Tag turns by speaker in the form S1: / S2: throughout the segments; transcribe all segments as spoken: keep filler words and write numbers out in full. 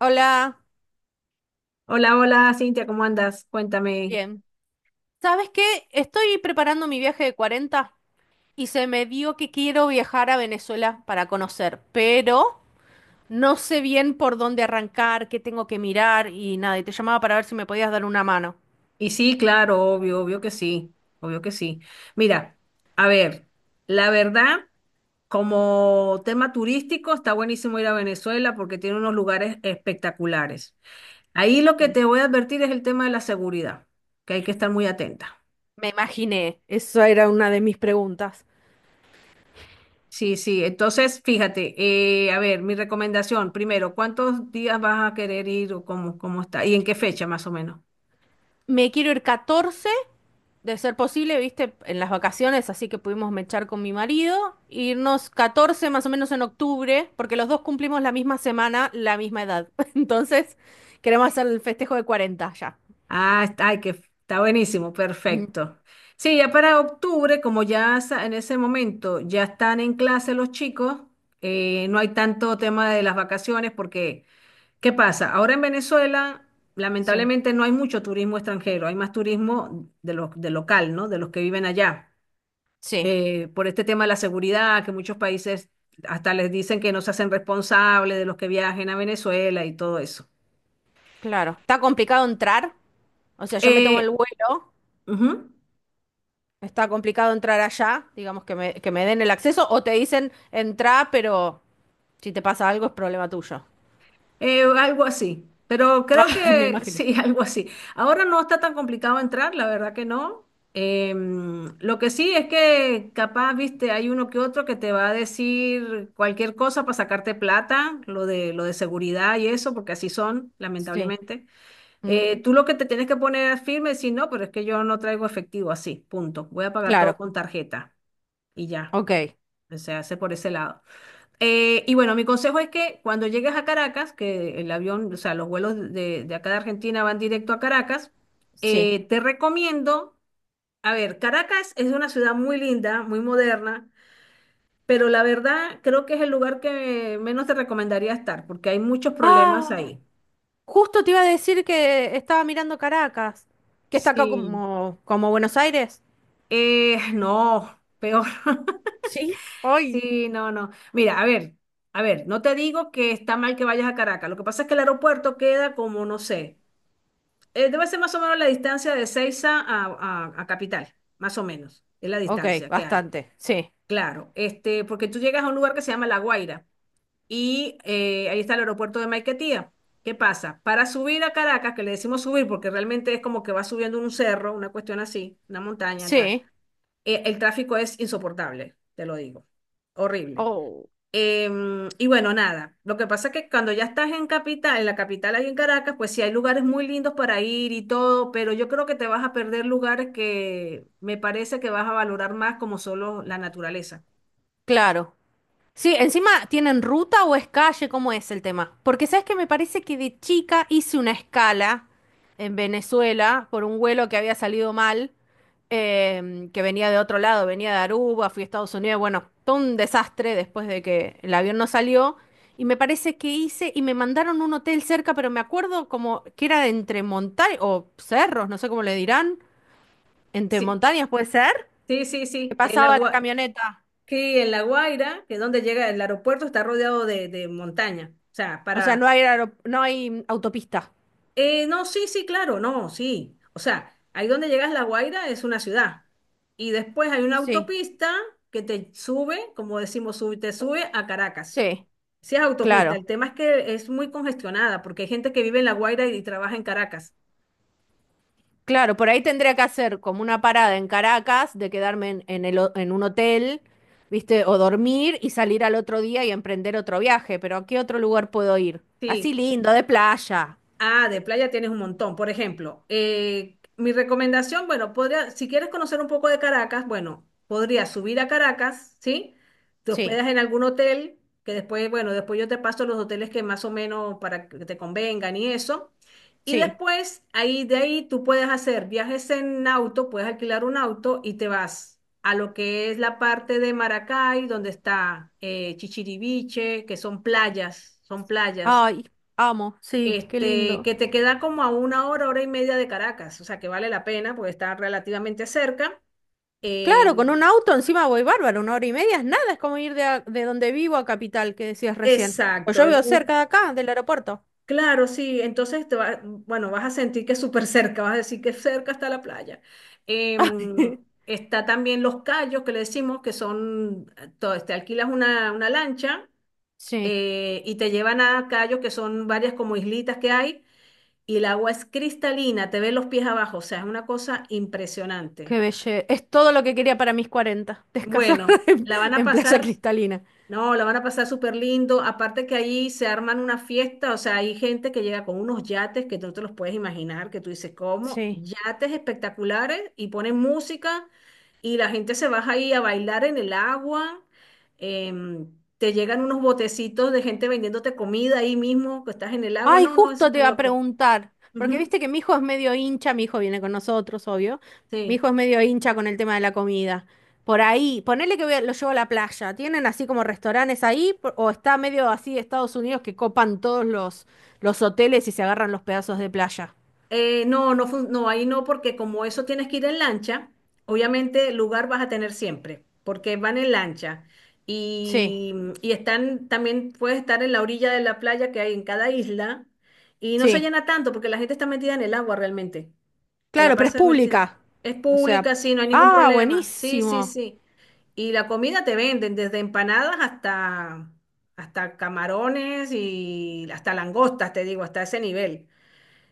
S1: Hola,
S2: Hola, hola, Cintia, ¿cómo andas? Cuéntame.
S1: bien. ¿Sabes qué? Estoy preparando mi viaje de cuarenta y se me dio que quiero viajar a Venezuela para conocer, pero no sé bien por dónde arrancar, qué tengo que mirar y nada, y te llamaba para ver si me podías dar una mano.
S2: Y sí, claro, obvio, obvio que sí, obvio que sí. Mira, a ver, la verdad, como tema turístico, está buenísimo ir a Venezuela porque tiene unos lugares espectaculares. Ahí lo que
S1: Sí.
S2: te voy a advertir es el tema de la seguridad, que hay que estar muy atenta.
S1: Me imaginé, esa era una de mis preguntas.
S2: Sí, sí, entonces, fíjate, eh, a ver, mi recomendación, primero, ¿cuántos días vas a querer ir o cómo, cómo está? ¿Y en qué fecha más o menos?
S1: Me quiero ir catorce, de ser posible, viste, en las vacaciones, así que pudimos mechar con mi marido, irnos catorce más o menos en octubre, porque los dos cumplimos la misma semana, la misma edad. Entonces, queremos hacer el festejo de cuarenta ya.
S2: Ah, está, ay, que está buenísimo,
S1: Mm,
S2: perfecto. Sí, ya para octubre, como ya sa- en ese momento ya están en clase los chicos, eh, no hay tanto tema de las vacaciones porque, ¿qué pasa? Ahora en Venezuela,
S1: sí,
S2: lamentablemente no hay mucho turismo extranjero, hay más turismo de los, de local, ¿no? De los que viven allá.
S1: sí,
S2: Eh, por este tema de la seguridad, que muchos países hasta les dicen que no se hacen responsables de los que viajen a Venezuela y todo eso.
S1: claro. Está complicado entrar, o sea, yo me tomo
S2: Eh,
S1: el vuelo,
S2: ujú.
S1: está complicado entrar allá, digamos que me, que me den el acceso, o te dicen, entra, pero si te pasa algo es problema tuyo.
S2: Eh, algo así, pero creo
S1: Ah, me
S2: que
S1: imaginé.
S2: sí, algo así. Ahora no está tan complicado entrar, la verdad que no. Em, lo que sí es que capaz, viste, hay uno que otro que te va a decir cualquier cosa para sacarte plata, lo de, lo de seguridad y eso, porque así son,
S1: Sí,
S2: lamentablemente. Eh,
S1: mm,
S2: tú lo que te tienes que poner es firme es decir, no, pero es que yo no traigo efectivo así, punto. Voy a pagar todo
S1: claro,
S2: con tarjeta y ya.
S1: ok,
S2: O sea, hace por ese lado. Eh, y bueno, mi consejo es que cuando llegues a Caracas, que el avión, o sea, los vuelos de, de acá de Argentina van directo a Caracas,
S1: sí.
S2: eh, te recomiendo, a ver, Caracas es una ciudad muy linda, muy moderna, pero la verdad creo que es el lugar que menos te recomendaría estar, porque hay muchos problemas
S1: Ah,
S2: ahí.
S1: justo te iba a decir que estaba mirando Caracas, que está acá
S2: Sí.
S1: como, como Buenos Aires.
S2: Eh, no, peor.
S1: Sí, hoy.
S2: Sí, no, no. Mira, a ver, a ver, no te digo que está mal que vayas a Caracas. Lo que pasa es que el aeropuerto queda como, no sé. Eh, debe ser más o menos la distancia de Seiza a, a- a Capital, más o menos, es la
S1: Ok,
S2: distancia que hay.
S1: bastante, sí,
S2: Claro, este, porque tú llegas a un lugar que se llama La Guaira y eh, ahí está el aeropuerto de Maiquetía. ¿Qué pasa? Para subir a Caracas, que le decimos subir porque realmente es como que vas subiendo un cerro, una cuestión así, una montaña, tal,
S1: sí.
S2: eh, el tráfico es insoportable, te lo digo, horrible.
S1: Oh,
S2: Em, y bueno, nada, lo que pasa es que cuando ya estás en capital, en la capital ahí en Caracas, pues sí hay lugares muy lindos para ir y todo, pero yo creo que te vas a perder lugares que me parece que vas a valorar más como solo la naturaleza.
S1: claro. Sí, encima, ¿tienen ruta o es calle? ¿Cómo es el tema? Porque sabes que me parece que de chica hice una escala en Venezuela por un vuelo que había salido mal, em, que venía de otro lado, venía de Aruba, fui a Estados Unidos, bueno, todo un desastre después de que el avión no salió. Y me parece que hice y me mandaron un hotel cerca, pero me acuerdo como que era entre montañas o cerros, no sé cómo le dirán, entre
S2: Sí,
S1: montañas puede ser,
S2: sí, sí,
S1: que
S2: sí, en la,
S1: pasaba la
S2: Gua-
S1: camioneta.
S2: sí, en La Guaira, que es donde llega el aeropuerto, está rodeado de, de montaña, o sea,
S1: O sea,
S2: para...
S1: no hay, aerop- no hay autopista.
S2: Eh, no, sí, sí, claro, no, sí. O sea, ahí donde llegas La Guaira es una ciudad. Y después hay una
S1: Sí,
S2: autopista que te sube, como decimos, sube- te sube a Caracas.
S1: sí,
S2: Sí es autopista,
S1: claro,
S2: el tema es que es muy congestionada porque hay gente que vive en La Guaira y trabaja en Caracas.
S1: claro. Por ahí tendría que hacer como una parada en Caracas de quedarme en, en el, ho- en un hotel, ¿viste? O dormir y salir al otro día y emprender otro viaje. Pero ¿a qué otro lugar puedo ir?
S2: Sí,
S1: Así lindo, de playa.
S2: ah, de playa tienes un montón. Por ejemplo, eh, mi recomendación, bueno, podría, si quieres conocer un poco de Caracas, bueno, podrías subir a Caracas, ¿sí? Te
S1: Sí,
S2: hospedas en algún hotel, que después, bueno, después yo te paso los hoteles que más o menos para que te convengan y eso. Y
S1: sí.
S2: después, ahí de ahí tú puedes hacer viajes en auto, puedes alquilar un auto y te vas a lo que es la parte de Maracay, donde está eh, Chichiriviche, que son playas, son playas
S1: Ay, amo, sí, qué
S2: este,
S1: lindo.
S2: que te queda como a una hora, hora y media de Caracas, o sea que vale la pena porque está relativamente cerca.
S1: Claro,
S2: Eh,
S1: con un auto encima voy bárbaro, una hora y media es nada, es como ir de, a- de donde vivo a Capital, que decías recién. Pues
S2: exacto,
S1: yo
S2: es
S1: vivo
S2: muy
S1: cerca de acá, del aeropuerto.
S2: claro, sí, entonces te va- bueno, vas a sentir que es súper cerca, vas a decir que cerca está la playa. Em, Está también Los Cayos, que le decimos que son, to- te alquilas una, una lancha
S1: Sí.
S2: eh, y te llevan a Cayos, que son varias como islitas que hay. Y el agua es cristalina, te ves los pies abajo, o sea, es una cosa impresionante.
S1: Qué belleza. Es todo lo que quería para mis cuarenta. Descansar
S2: Bueno,
S1: en,
S2: la van a
S1: en playa
S2: pasar,
S1: cristalina.
S2: no, la van a pasar súper lindo. Aparte que ahí se arman una fiesta, o sea, hay gente que llega con unos yates que tú no te los puedes imaginar, que tú dices, ¿cómo?
S1: Sí.
S2: Yates espectaculares y ponen música y la gente se baja ahí a bailar en el agua. em, Te llegan unos botecitos de gente vendiéndote comida ahí mismo, que estás en el agua.
S1: Ay,
S2: No, no, es
S1: justo te
S2: súper
S1: iba a
S2: loco.
S1: preguntar. Porque
S2: Ujú,
S1: viste que mi hijo es medio hincha. Mi hijo viene con nosotros, obvio. Mi
S2: sí.
S1: hijo es medio hincha con el tema de la comida. Por ahí, ponele que voy a- lo llevo a la playa. ¿Tienen así como restaurantes ahí? Por- ¿O está medio así Estados Unidos que copan todos los, los hoteles y se agarran los pedazos de playa?
S2: Eh, no, no, fun- no, ahí no, porque como eso tienes que ir en lancha, obviamente lugar vas a tener siempre, porque van en lancha
S1: Sí,
S2: y, y están, también puedes estar en la orilla de la playa que hay en cada isla y no se
S1: sí.
S2: llena tanto porque la gente está metida en el agua realmente. Se la
S1: Claro, pero es
S2: pasa metida.
S1: pública.
S2: Es
S1: O sea,
S2: pública, sí, no hay ningún
S1: ah,
S2: problema. Sí, sí,
S1: buenísimo.
S2: sí. Y la comida te venden desde empanadas hasta, hasta camarones y hasta langostas, te digo, hasta ese nivel.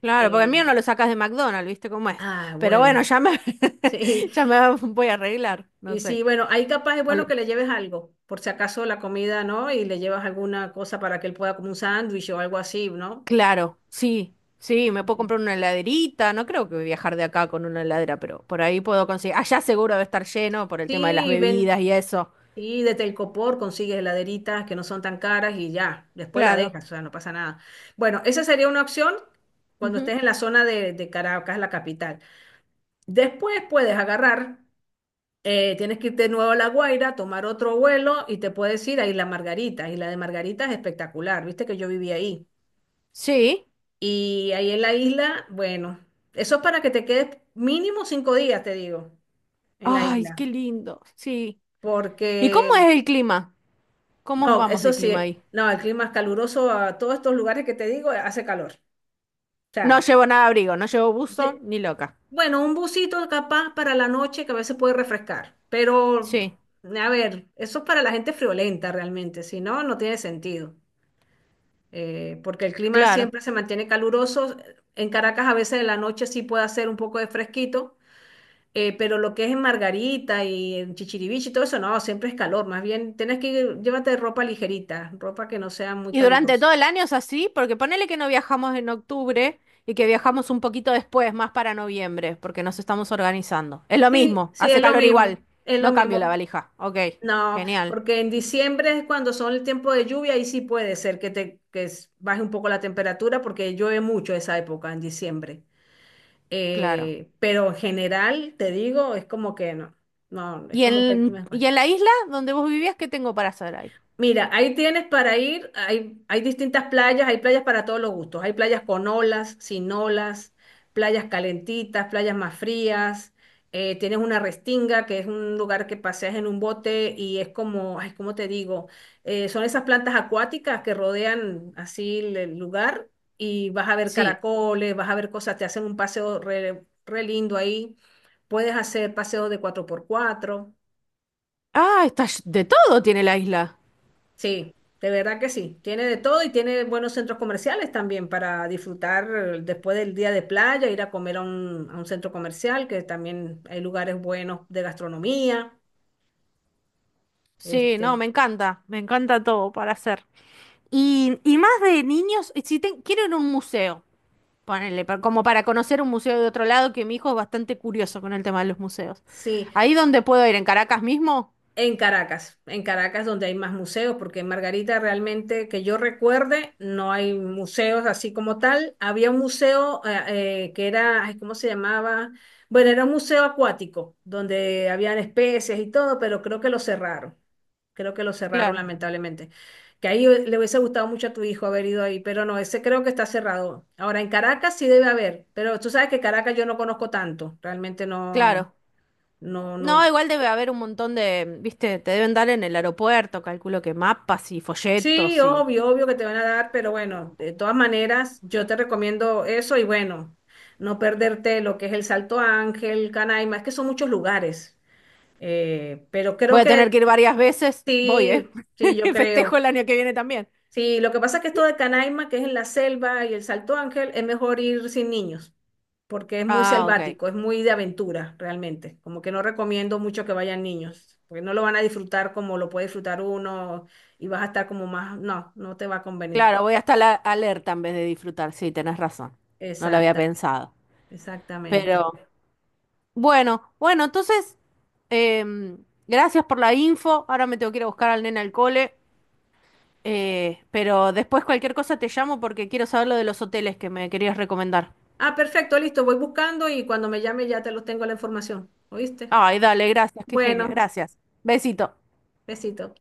S1: Claro, porque el mío no
S2: Em,
S1: lo sacas de McDonald's, ¿viste cómo es?
S2: Ah,
S1: Pero
S2: bueno,
S1: bueno, ya me,
S2: sí,
S1: ya me voy a arreglar, no
S2: y sí,
S1: sé.
S2: bueno, ahí capaz es
S1: O
S2: bueno
S1: lo-
S2: que le lleves algo, por si acaso la comida, ¿no? Y le llevas alguna cosa para que él pueda como un sándwich o algo así, ¿no?
S1: Claro, sí, sí, me puedo
S2: Ujú.
S1: comprar una heladerita, no creo que voy a viajar de acá con una heladera, pero por ahí puedo conseguir. Allá seguro debe estar lleno por el tema de las
S2: Sí, ven,
S1: bebidas y eso.
S2: y de Telcopor consigues heladeritas que no son tan caras y ya, después la
S1: Claro.
S2: dejas, o sea, no pasa nada. Bueno, esa sería una opción cuando
S1: Ujú.
S2: estés en la zona de, de Caracas, la capital. Después puedes agarrar. Eh, tienes que ir de nuevo a La Guaira, tomar otro vuelo y te puedes ir a Isla Margarita. Isla de Margarita es espectacular, viste que yo viví ahí.
S1: Sí.
S2: Y ahí en la isla, bueno, eso es para que te quedes mínimo cinco días, te digo, en la
S1: Ay, qué
S2: isla.
S1: lindo, sí. ¿Y cómo
S2: Porque,
S1: es el clima? ¿Cómo
S2: no,
S1: vamos
S2: eso
S1: de clima
S2: sí,
S1: ahí?
S2: no, el clima es caluroso a todos estos lugares que te digo, hace calor. O
S1: No
S2: sea,
S1: llevo nada de abrigo, no llevo buzo
S2: ye-
S1: ni loca.
S2: bueno, un busito capaz para la noche que a veces puede refrescar, pero
S1: Sí,
S2: a ver, eso es para la gente friolenta realmente, si no, no tiene sentido. Eh, porque el clima
S1: claro.
S2: siempre se mantiene caluroso. En Caracas a veces en la noche sí puede hacer un poco de fresquito, eh, pero lo que es en Margarita y en Chichiriviche y todo eso, no, siempre es calor. Más bien, tienes que ir- llévate ropa ligerita, ropa que no sea muy
S1: Y durante
S2: calurosa.
S1: todo el año es así, porque ponele que no viajamos en octubre y que viajamos un poquito después, más para noviembre, porque nos estamos organizando. Es lo
S2: Sí,
S1: mismo,
S2: sí,
S1: hace
S2: es lo
S1: calor igual.
S2: mismo, es lo
S1: No cambio la
S2: mismo.
S1: valija. Ok,
S2: No,
S1: genial,
S2: porque en diciembre es cuando son el tiempo de lluvia y sí puede ser que te que s- baje un poco la temperatura porque llueve mucho esa época en diciembre.
S1: claro.
S2: Eh, pero en general, te digo, es como que no, no, es
S1: ¿Y
S2: como que el
S1: en,
S2: clima es
S1: y
S2: bueno.
S1: en la isla donde vos vivías, qué tengo para hacer ahí?
S2: Mira, ahí tienes para ir, hay, hay distintas playas, hay playas para todos los gustos, hay playas con olas, sin olas, playas calentitas, playas más frías, eh, tienes una restinga, que es un lugar que paseas en un bote y es como, ay, ¿cómo te digo? Eh, son esas plantas acuáticas que rodean así el el lugar y vas a ver
S1: Sí.
S2: caracoles, vas a ver cosas, te hacen un paseo re, re lindo ahí, puedes hacer paseos de cuatro por cuatro.
S1: Ah, está, ll- de todo tiene la isla.
S2: Sí, de verdad que sí. Tiene de todo y tiene buenos centros comerciales también para disfrutar eh, después del día de playa, ir a comer a un, a un centro comercial, que también hay lugares buenos de gastronomía.
S1: Sí, no,
S2: Este,
S1: me encanta, me encanta todo para hacer. Y, y más de niños, si te- quiero ir a un museo. Ponele, pa- como para conocer un museo de otro lado, que mi hijo es bastante curioso con el tema de los museos.
S2: sí.
S1: ¿Ahí donde puedo ir? ¿En Caracas mismo?
S2: En Caracas, en Caracas donde hay más museos, porque en Margarita realmente, que yo recuerde, no hay museos así como tal. Había un museo eh, eh, que era, ay, ¿cómo se llamaba? Bueno, era un museo acuático, donde habían especies y todo, pero creo que lo cerraron. Creo que lo cerraron,
S1: Claro,
S2: lamentablemente. Que ahí eh, le hubiese gustado mucho a tu hijo haber ido ahí, pero no, ese creo que está cerrado. Ahora, en Caracas sí debe haber, pero tú sabes que Caracas yo no conozco tanto, realmente no,
S1: claro.
S2: no,
S1: No,
S2: no.
S1: igual debe haber un montón de, viste, te deben dar en el aeropuerto, calculo que mapas y
S2: Sí,
S1: folletos y...
S2: obvio, obvio que te van a dar, pero bueno, de todas maneras, yo te recomiendo eso y bueno, no perderte lo que es el Salto Ángel, Canaima, es que son muchos lugares, eh, pero creo
S1: Voy a
S2: que
S1: tener que ir varias veces. Voy,
S2: sí,
S1: ¿eh?
S2: sí, yo creo.
S1: Festejo el año que viene también.
S2: Sí, lo que pasa es que esto de Canaima, que es en la selva y el Salto Ángel, es mejor ir sin niños, porque es muy
S1: Ah, ok.
S2: selvático, es muy de aventura realmente, como que no recomiendo mucho que vayan niños, porque no lo van a disfrutar como lo puede disfrutar uno y vas a estar como más, no, no te va a convenir.
S1: Claro, voy hasta la alerta en vez de disfrutar. Sí, tenés razón. No lo había
S2: Exacta,
S1: pensado.
S2: exactamente.
S1: Pero... Bueno, bueno, entonces, em, gracias por la info. Ahora me tengo que ir a buscar al nene al cole. eh, pero después cualquier cosa te llamo porque quiero saber lo de los hoteles que me querías recomendar.
S2: Ah, perfecto, listo, voy buscando y cuando me llame ya te los tengo la información. ¿Oíste?
S1: Ay, dale, gracias, qué genia,
S2: Bueno,
S1: gracias. Besito.
S2: besito.